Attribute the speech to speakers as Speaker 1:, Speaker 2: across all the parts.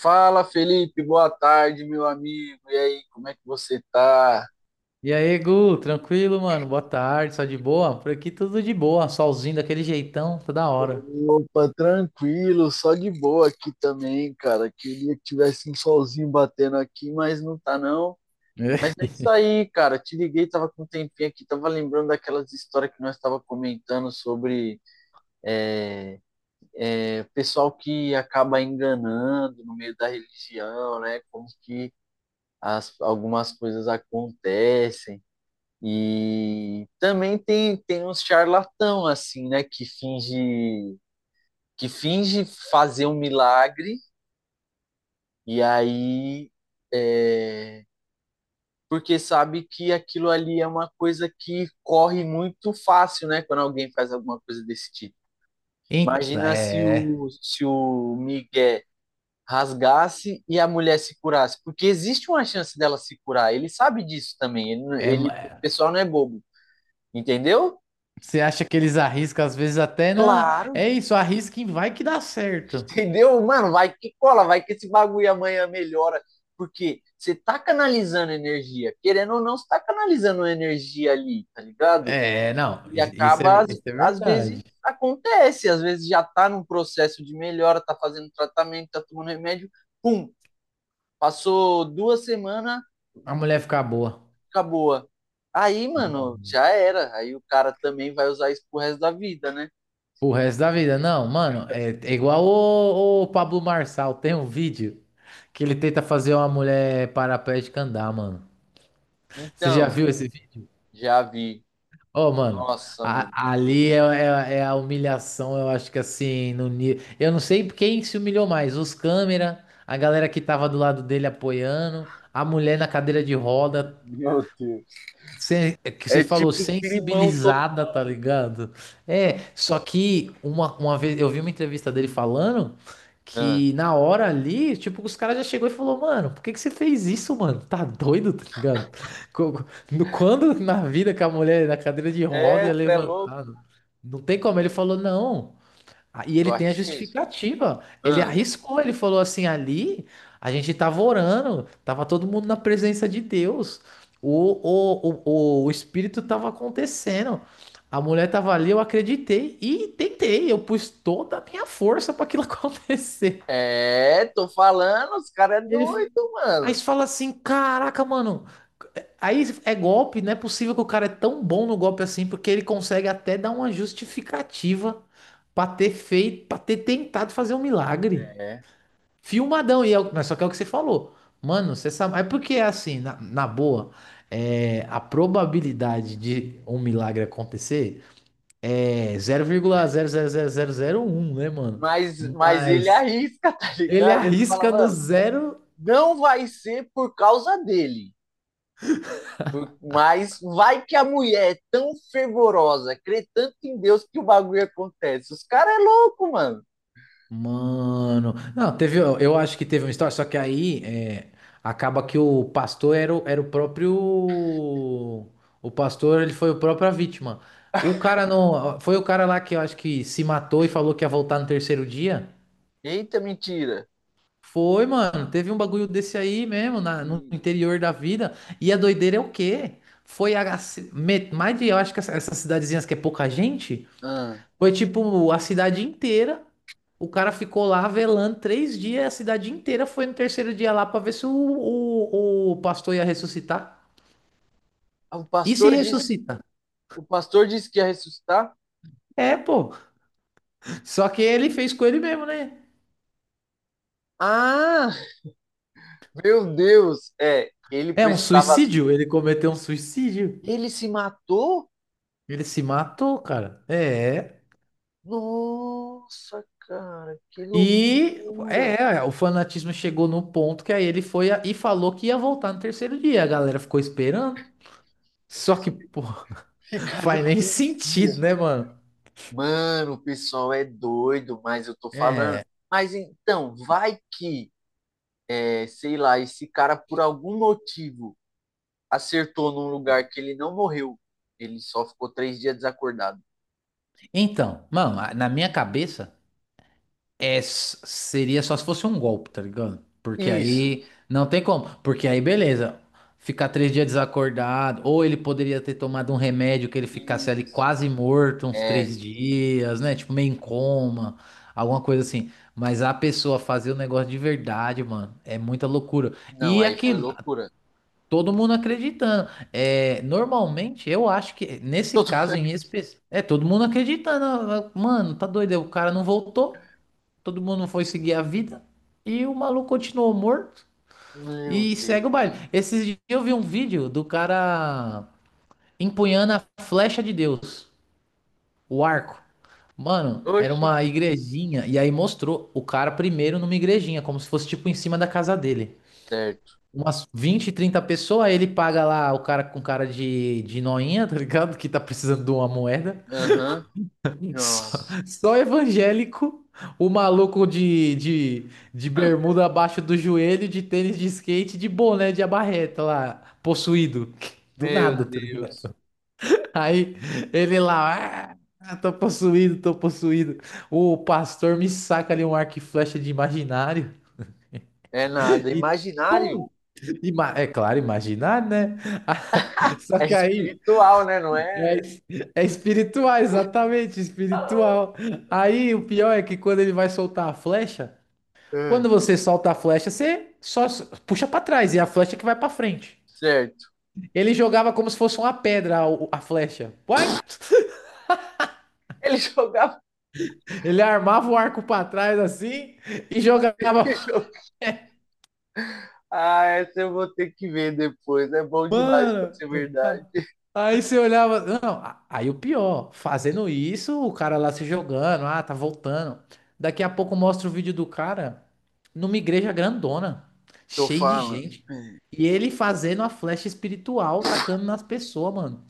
Speaker 1: Fala, Felipe, boa tarde, meu amigo. E aí, como é que você tá?
Speaker 2: E aí, Gu, tranquilo, mano? Boa tarde, só de boa? Por aqui tudo de boa, solzinho daquele jeitão, tá da hora.
Speaker 1: Opa, tranquilo, só de boa aqui também, cara. Queria que tivesse um solzinho batendo aqui, mas não tá não. Mas é isso aí, cara. Te liguei, tava com um tempinho aqui, tava lembrando daquelas histórias que nós tava comentando sobre o pessoal que acaba enganando no meio da religião, né? Como que as, algumas coisas acontecem. E também tem uns charlatão assim, né, que finge fazer um milagre e aí é, porque sabe que aquilo ali é uma coisa que corre muito fácil, né, quando alguém faz alguma coisa desse tipo.
Speaker 2: Eita,
Speaker 1: Imagina se
Speaker 2: é,
Speaker 1: o se o Miguel rasgasse e a mulher se curasse, porque existe uma chance dela se curar. Ele sabe disso também. Ele,
Speaker 2: é,
Speaker 1: ele O
Speaker 2: ma-
Speaker 1: pessoal não é bobo, entendeu?
Speaker 2: Você acha que eles arriscam, às vezes até na.
Speaker 1: Claro,
Speaker 2: É isso, arrisca e vai que dá certo.
Speaker 1: entendeu? Mano, vai que cola, vai que esse bagulho amanhã melhora. Porque você tá canalizando energia. Querendo ou não, você tá canalizando energia ali, tá ligado?
Speaker 2: É, não,
Speaker 1: E
Speaker 2: i- isso
Speaker 1: acaba,
Speaker 2: é,
Speaker 1: às,
Speaker 2: isso é
Speaker 1: às
Speaker 2: verdade.
Speaker 1: vezes, acontece. Às vezes já tá num processo de melhora, tá fazendo tratamento, tá tomando remédio. Pum, passou 2 semanas,
Speaker 2: A mulher ficar boa.
Speaker 1: acabou. Aí,
Speaker 2: Não.
Speaker 1: mano, já era. Aí o cara também vai usar isso pro resto da vida, né?
Speaker 2: O resto da vida, não, mano, é igual o Pablo Marçal, tem um vídeo que ele tenta fazer uma mulher paraplégica andar, mano. Você já
Speaker 1: Então,
Speaker 2: viu esse vídeo?
Speaker 1: já vi.
Speaker 2: Ô, mano,
Speaker 1: Nossa, mano,
Speaker 2: a-
Speaker 1: que
Speaker 2: ali
Speaker 1: triste.
Speaker 2: é a humilhação, eu acho que assim, no nível. Eu não sei quem se humilhou mais, os câmera, a galera que tava do lado dele apoiando, a mulher na cadeira de roda,
Speaker 1: Meu Deus.
Speaker 2: É que você
Speaker 1: É
Speaker 2: falou
Speaker 1: tipo climão
Speaker 2: sensibilizada,
Speaker 1: total.
Speaker 2: tá ligado? É, só que uma vez eu vi uma entrevista dele falando
Speaker 1: Ah,
Speaker 2: que na hora ali, tipo, os caras já chegou e falou, mano, por que que você fez isso, mano? Tá doido, tá ligado? Co- Quando na vida que a mulher na cadeira de roda
Speaker 1: é,
Speaker 2: ia
Speaker 1: cê é louco.
Speaker 2: levantar, não tem como. Ele falou, não. Ah, e
Speaker 1: Eu
Speaker 2: ele tem a
Speaker 1: arrisquei.
Speaker 2: justificativa. Ele
Speaker 1: Ah,
Speaker 2: arriscou, ele falou assim: ali a gente estava orando, estava todo mundo na presença de Deus. O, o espírito estava acontecendo. A mulher estava ali, eu acreditei e tentei. Eu pus toda a minha força para aquilo acontecer.
Speaker 1: é, tô falando, os caras é
Speaker 2: E ele,
Speaker 1: doido,
Speaker 2: aí
Speaker 1: mano.
Speaker 2: você fala assim: caraca, mano. Aí é golpe, não é possível que o cara é tão bom no golpe assim, porque ele consegue até dar uma justificativa para ter feito, para ter tentado fazer um milagre.
Speaker 1: É.
Speaker 2: Filmadão, e é, mas só que é o que você falou. Mano, você sabe. Mas porque é assim, na boa, é, a probabilidade de um milagre acontecer é zero vírgula zero zero zero zero vírgula um, né, mano?
Speaker 1: Mas ele
Speaker 2: Mas
Speaker 1: arrisca, tá
Speaker 2: ele
Speaker 1: ligado? Ele fala,
Speaker 2: arrisca no
Speaker 1: mano,
Speaker 2: zero.
Speaker 1: não vai ser por causa dele. Mas vai que a mulher é tão fervorosa, crê tanto em Deus que o bagulho acontece. Os caras é louco, mano.
Speaker 2: Mano, não, teve, eu acho que teve uma história, só que aí é, acaba que o pastor era, era o próprio, o pastor, ele foi o próprio a vítima. O cara não, foi o cara lá que eu acho que se matou e falou que ia voltar no terceiro dia?
Speaker 1: Eita, mentira.
Speaker 2: Foi, mano, teve um bagulho desse aí mesmo, no
Speaker 1: E,
Speaker 2: interior da vida, e a doideira é o quê? Foi a, mais de, eu acho que essas cidadezinhas que é pouca gente,
Speaker 1: ah,
Speaker 2: foi tipo a cidade inteira. O cara ficou lá velando 3 dias, a cidade inteira foi no terceiro dia lá pra ver se o pastor ia ressuscitar.
Speaker 1: o
Speaker 2: E se
Speaker 1: pastor disse,
Speaker 2: ressuscita?
Speaker 1: o pastor disse que ia ressuscitar.
Speaker 2: É, pô. Só que ele fez com ele mesmo, né?
Speaker 1: Ah, Meu Deus! É, ele
Speaker 2: É um
Speaker 1: precisava.
Speaker 2: suicídio, ele cometeu um suicídio.
Speaker 1: Ele se matou?
Speaker 2: Ele se matou, cara. É.
Speaker 1: Nossa, cara, que
Speaker 2: E
Speaker 1: loucura!
Speaker 2: o fanatismo chegou no ponto que aí ele foi e falou que ia voltar no terceiro dia. A galera ficou esperando. Só que, pô, faz
Speaker 1: Ficaram
Speaker 2: nem
Speaker 1: 3 dias.
Speaker 2: sentido, né, mano?
Speaker 1: Mano, o pessoal é doido, mas eu tô falando. Mas então, vai que, é, sei lá, esse cara, por algum motivo, acertou num lugar que ele não morreu. Ele só ficou 3 dias desacordado.
Speaker 2: Então, mano, na minha cabeça é, seria só se fosse um golpe, tá ligado? Porque
Speaker 1: Isso,
Speaker 2: aí não tem como. Porque aí, beleza, ficar 3 dias desacordado, ou ele poderia ter tomado um remédio que ele ficasse ali
Speaker 1: isso.
Speaker 2: quase morto uns
Speaker 1: É,
Speaker 2: 3 dias, né? Tipo, meio em coma, alguma coisa assim. Mas a pessoa fazer o negócio de verdade, mano, é muita loucura.
Speaker 1: não,
Speaker 2: E
Speaker 1: aí foi
Speaker 2: aquilo,
Speaker 1: loucura.
Speaker 2: todo mundo acreditando. É, normalmente, eu acho que nesse
Speaker 1: Todo mundo
Speaker 2: caso
Speaker 1: é.
Speaker 2: em específico. É, todo mundo acreditando. Ah, ah, mano, tá doido. O cara não voltou. Todo mundo foi seguir a vida. E o maluco continuou morto.
Speaker 1: Meu
Speaker 2: E segue o baile.
Speaker 1: Deus.
Speaker 2: Esses dias eu vi um vídeo do cara empunhando a flecha de Deus, o arco. Mano, era
Speaker 1: Oxe.
Speaker 2: uma igrejinha. E aí mostrou o cara primeiro numa igrejinha, como se fosse tipo em cima da casa dele,
Speaker 1: Certo.
Speaker 2: umas 20, 30 pessoas, ele paga lá o cara com cara de noinha, tá ligado? Que tá precisando de uma moeda.
Speaker 1: Aham.
Speaker 2: Só,
Speaker 1: Nossa.
Speaker 2: só evangélico, o maluco de bermuda abaixo do joelho, de tênis de skate, de boné de abarreta lá, possuído. Do
Speaker 1: Meu
Speaker 2: nada, tá ligado?
Speaker 1: Deus.
Speaker 2: Aí ele lá, ah, tô possuído, tô possuído. O pastor me saca ali um arco e flecha de imaginário.
Speaker 1: É nada.
Speaker 2: E
Speaker 1: Imaginário
Speaker 2: É claro, imaginar, né? Só
Speaker 1: é
Speaker 2: que aí
Speaker 1: espiritual, né? Não é?
Speaker 2: é, es- é espiritual, exatamente,
Speaker 1: Ah,
Speaker 2: espiritual. Aí o pior é que quando ele vai soltar a flecha, quando você solta a flecha, você só puxa pra trás e é a flecha que vai pra frente.
Speaker 1: certo.
Speaker 2: Ele jogava como se fosse uma pedra a, a flecha. Uai!
Speaker 1: Ele jogava.
Speaker 2: Ele armava o arco pra trás assim e
Speaker 1: Ele
Speaker 2: jogava.
Speaker 1: jogava. Ah, essa eu vou ter que ver depois. É bom demais pra
Speaker 2: Mano,
Speaker 1: ser verdade.
Speaker 2: a- aí você olhava. Não, aí o pior, fazendo isso, o cara lá se jogando, ah, tá voltando. Daqui a pouco mostra o vídeo do cara numa igreja grandona,
Speaker 1: Tô
Speaker 2: cheio de
Speaker 1: falando.
Speaker 2: gente.
Speaker 1: É.
Speaker 2: E ele fazendo a flecha espiritual, tacando nas pessoas, mano.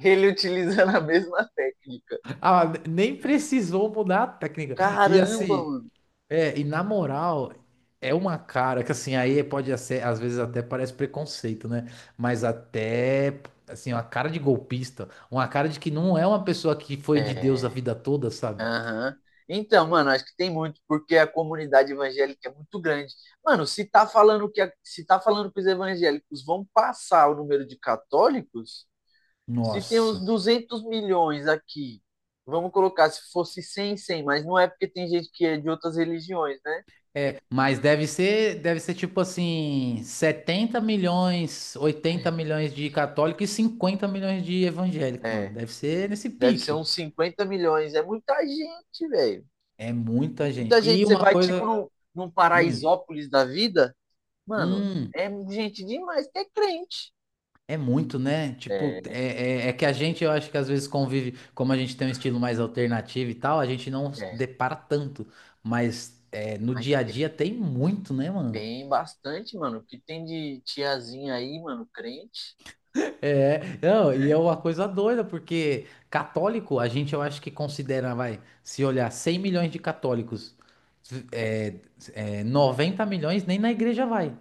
Speaker 1: Ele utilizando a mesma técnica.
Speaker 2: Ah, nem precisou mudar a técnica. E
Speaker 1: Caramba,
Speaker 2: assim,
Speaker 1: mano.
Speaker 2: é, e na moral, é uma cara que assim, aí pode ser, às vezes até parece preconceito, né? Mas até, assim, uma cara de golpista, uma cara de que não é uma pessoa que foi de Deus a
Speaker 1: É.
Speaker 2: vida toda, sabe?
Speaker 1: Aham. Então, mano, acho que tem muito, porque a comunidade evangélica é muito grande. Mano, se tá falando que a- se tá falando que os evangélicos vão passar o número de católicos, se tem uns
Speaker 2: Nossa.
Speaker 1: 200 milhões aqui, vamos colocar se fosse cem mas não é porque tem gente que é de outras religiões, né?
Speaker 2: É, mas deve ser tipo assim, 70 milhões, 80 milhões de católico e 50 milhões de evangélico, mano.
Speaker 1: É,
Speaker 2: Deve ser nesse
Speaker 1: deve ser
Speaker 2: pique.
Speaker 1: uns 50 milhões, é muita gente, velho.
Speaker 2: É muita gente.
Speaker 1: Muita
Speaker 2: E
Speaker 1: gente, você
Speaker 2: uma
Speaker 1: vai tipo
Speaker 2: coisa,
Speaker 1: num
Speaker 2: hum,
Speaker 1: Paraisópolis da vida, mano,
Speaker 2: hum,
Speaker 1: é gente demais que é crente.
Speaker 2: é muito, né? Tipo,
Speaker 1: É.
Speaker 2: é que a gente, eu acho que às vezes convive, como a gente tem um estilo mais alternativo e tal, a gente não se
Speaker 1: É,
Speaker 2: depara tanto. Mas é, no
Speaker 1: mas
Speaker 2: dia a
Speaker 1: tem,
Speaker 2: dia tem muito, né, mano?
Speaker 1: tem bastante, mano. O que tem de tiazinha aí, mano, crente,
Speaker 2: É, não, e é
Speaker 1: né?
Speaker 2: uma coisa doida, porque católico, a gente, eu acho que considera, vai, se olhar 100 milhões de católicos, é, 90 milhões nem na igreja vai.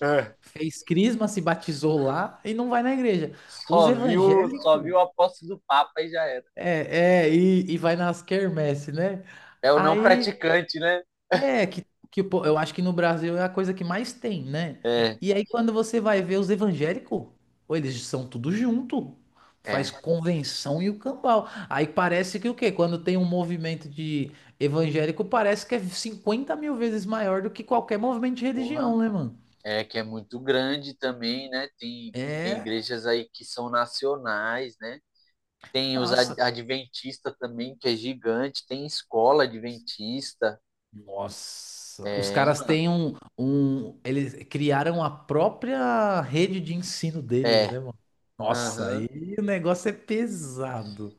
Speaker 1: É.
Speaker 2: Fez crisma, se batizou lá e não vai na igreja. Os
Speaker 1: Só
Speaker 2: evangélicos.
Speaker 1: viu a posse do Papa e já era.
Speaker 2: É, é, e vai nas quermesse, né?
Speaker 1: É o não
Speaker 2: Aí,
Speaker 1: praticante, né?
Speaker 2: é, que eu acho que no Brasil é a coisa que mais tem, né?
Speaker 1: É,
Speaker 2: E aí quando você vai ver os evangélicos, pô, eles são tudo junto, faz
Speaker 1: é.
Speaker 2: convenção e o cambau. Aí parece que o quê? Quando tem um movimento de evangélico, parece que é 50 mil vezes maior do que qualquer movimento de
Speaker 1: Porra.
Speaker 2: religião, né, mano?
Speaker 1: É que é muito grande também, né? Tem,
Speaker 2: É,
Speaker 1: tem igrejas aí que são nacionais, né? Tem os
Speaker 2: nossa,
Speaker 1: adventistas também, que é gigante. Tem escola adventista.
Speaker 2: nossa, os
Speaker 1: É,
Speaker 2: caras
Speaker 1: mano.
Speaker 2: têm um. Eles criaram a própria rede de ensino deles,
Speaker 1: É.
Speaker 2: né, mano? Nossa,
Speaker 1: Aham.
Speaker 2: aí o negócio é pesado.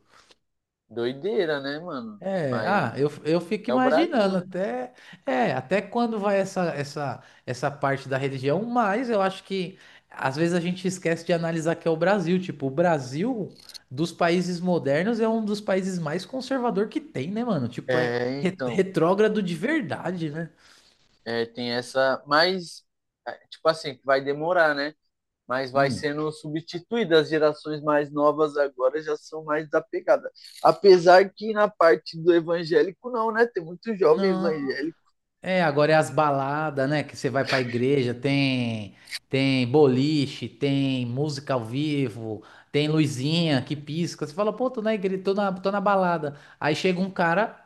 Speaker 1: Doideira, né, mano?
Speaker 2: É,
Speaker 1: Mas
Speaker 2: ah, eu fico
Speaker 1: é o Brasil,
Speaker 2: imaginando
Speaker 1: né?
Speaker 2: até, é, até quando vai essa parte da religião, mas eu acho que às vezes a gente esquece de analisar que é o Brasil. Tipo, o Brasil, dos países modernos, é um dos países mais conservador que tem, né, mano? Tipo, é
Speaker 1: É, então.
Speaker 2: retrógrado de verdade, né?
Speaker 1: É, tem essa, mas é, tipo assim, vai demorar, né? Mas vai
Speaker 2: Hum.
Speaker 1: sendo substituída. As gerações mais novas agora já são mais desapegadas. Apesar que na parte do evangélico não, né? Tem muito jovem
Speaker 2: Não.
Speaker 1: evangélico.
Speaker 2: É, agora é as baladas, né? Que você vai pra igreja, tem boliche, tem música ao vivo, tem luzinha que pisca. Você fala, pô, tô na igreja, tô na balada. Aí chega um cara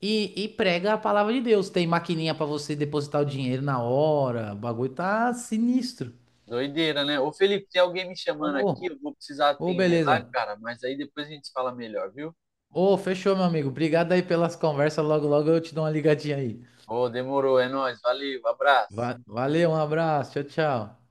Speaker 2: e prega a palavra de Deus. Tem maquininha pra você depositar o dinheiro na hora. O bagulho tá sinistro.
Speaker 1: Doideira, né? Ô Felipe, tem alguém me chamando
Speaker 2: Ô,
Speaker 1: aqui, eu vou precisar
Speaker 2: ô,
Speaker 1: atender lá,
Speaker 2: beleza.
Speaker 1: cara, mas aí depois a gente fala melhor, viu?
Speaker 2: Ô, fechou, meu amigo. Obrigado aí pelas conversas. Logo, logo eu te dou uma ligadinha aí.
Speaker 1: Ô, demorou, é nóis, valeu, abraço.
Speaker 2: Valeu, um abraço. Tchau, tchau.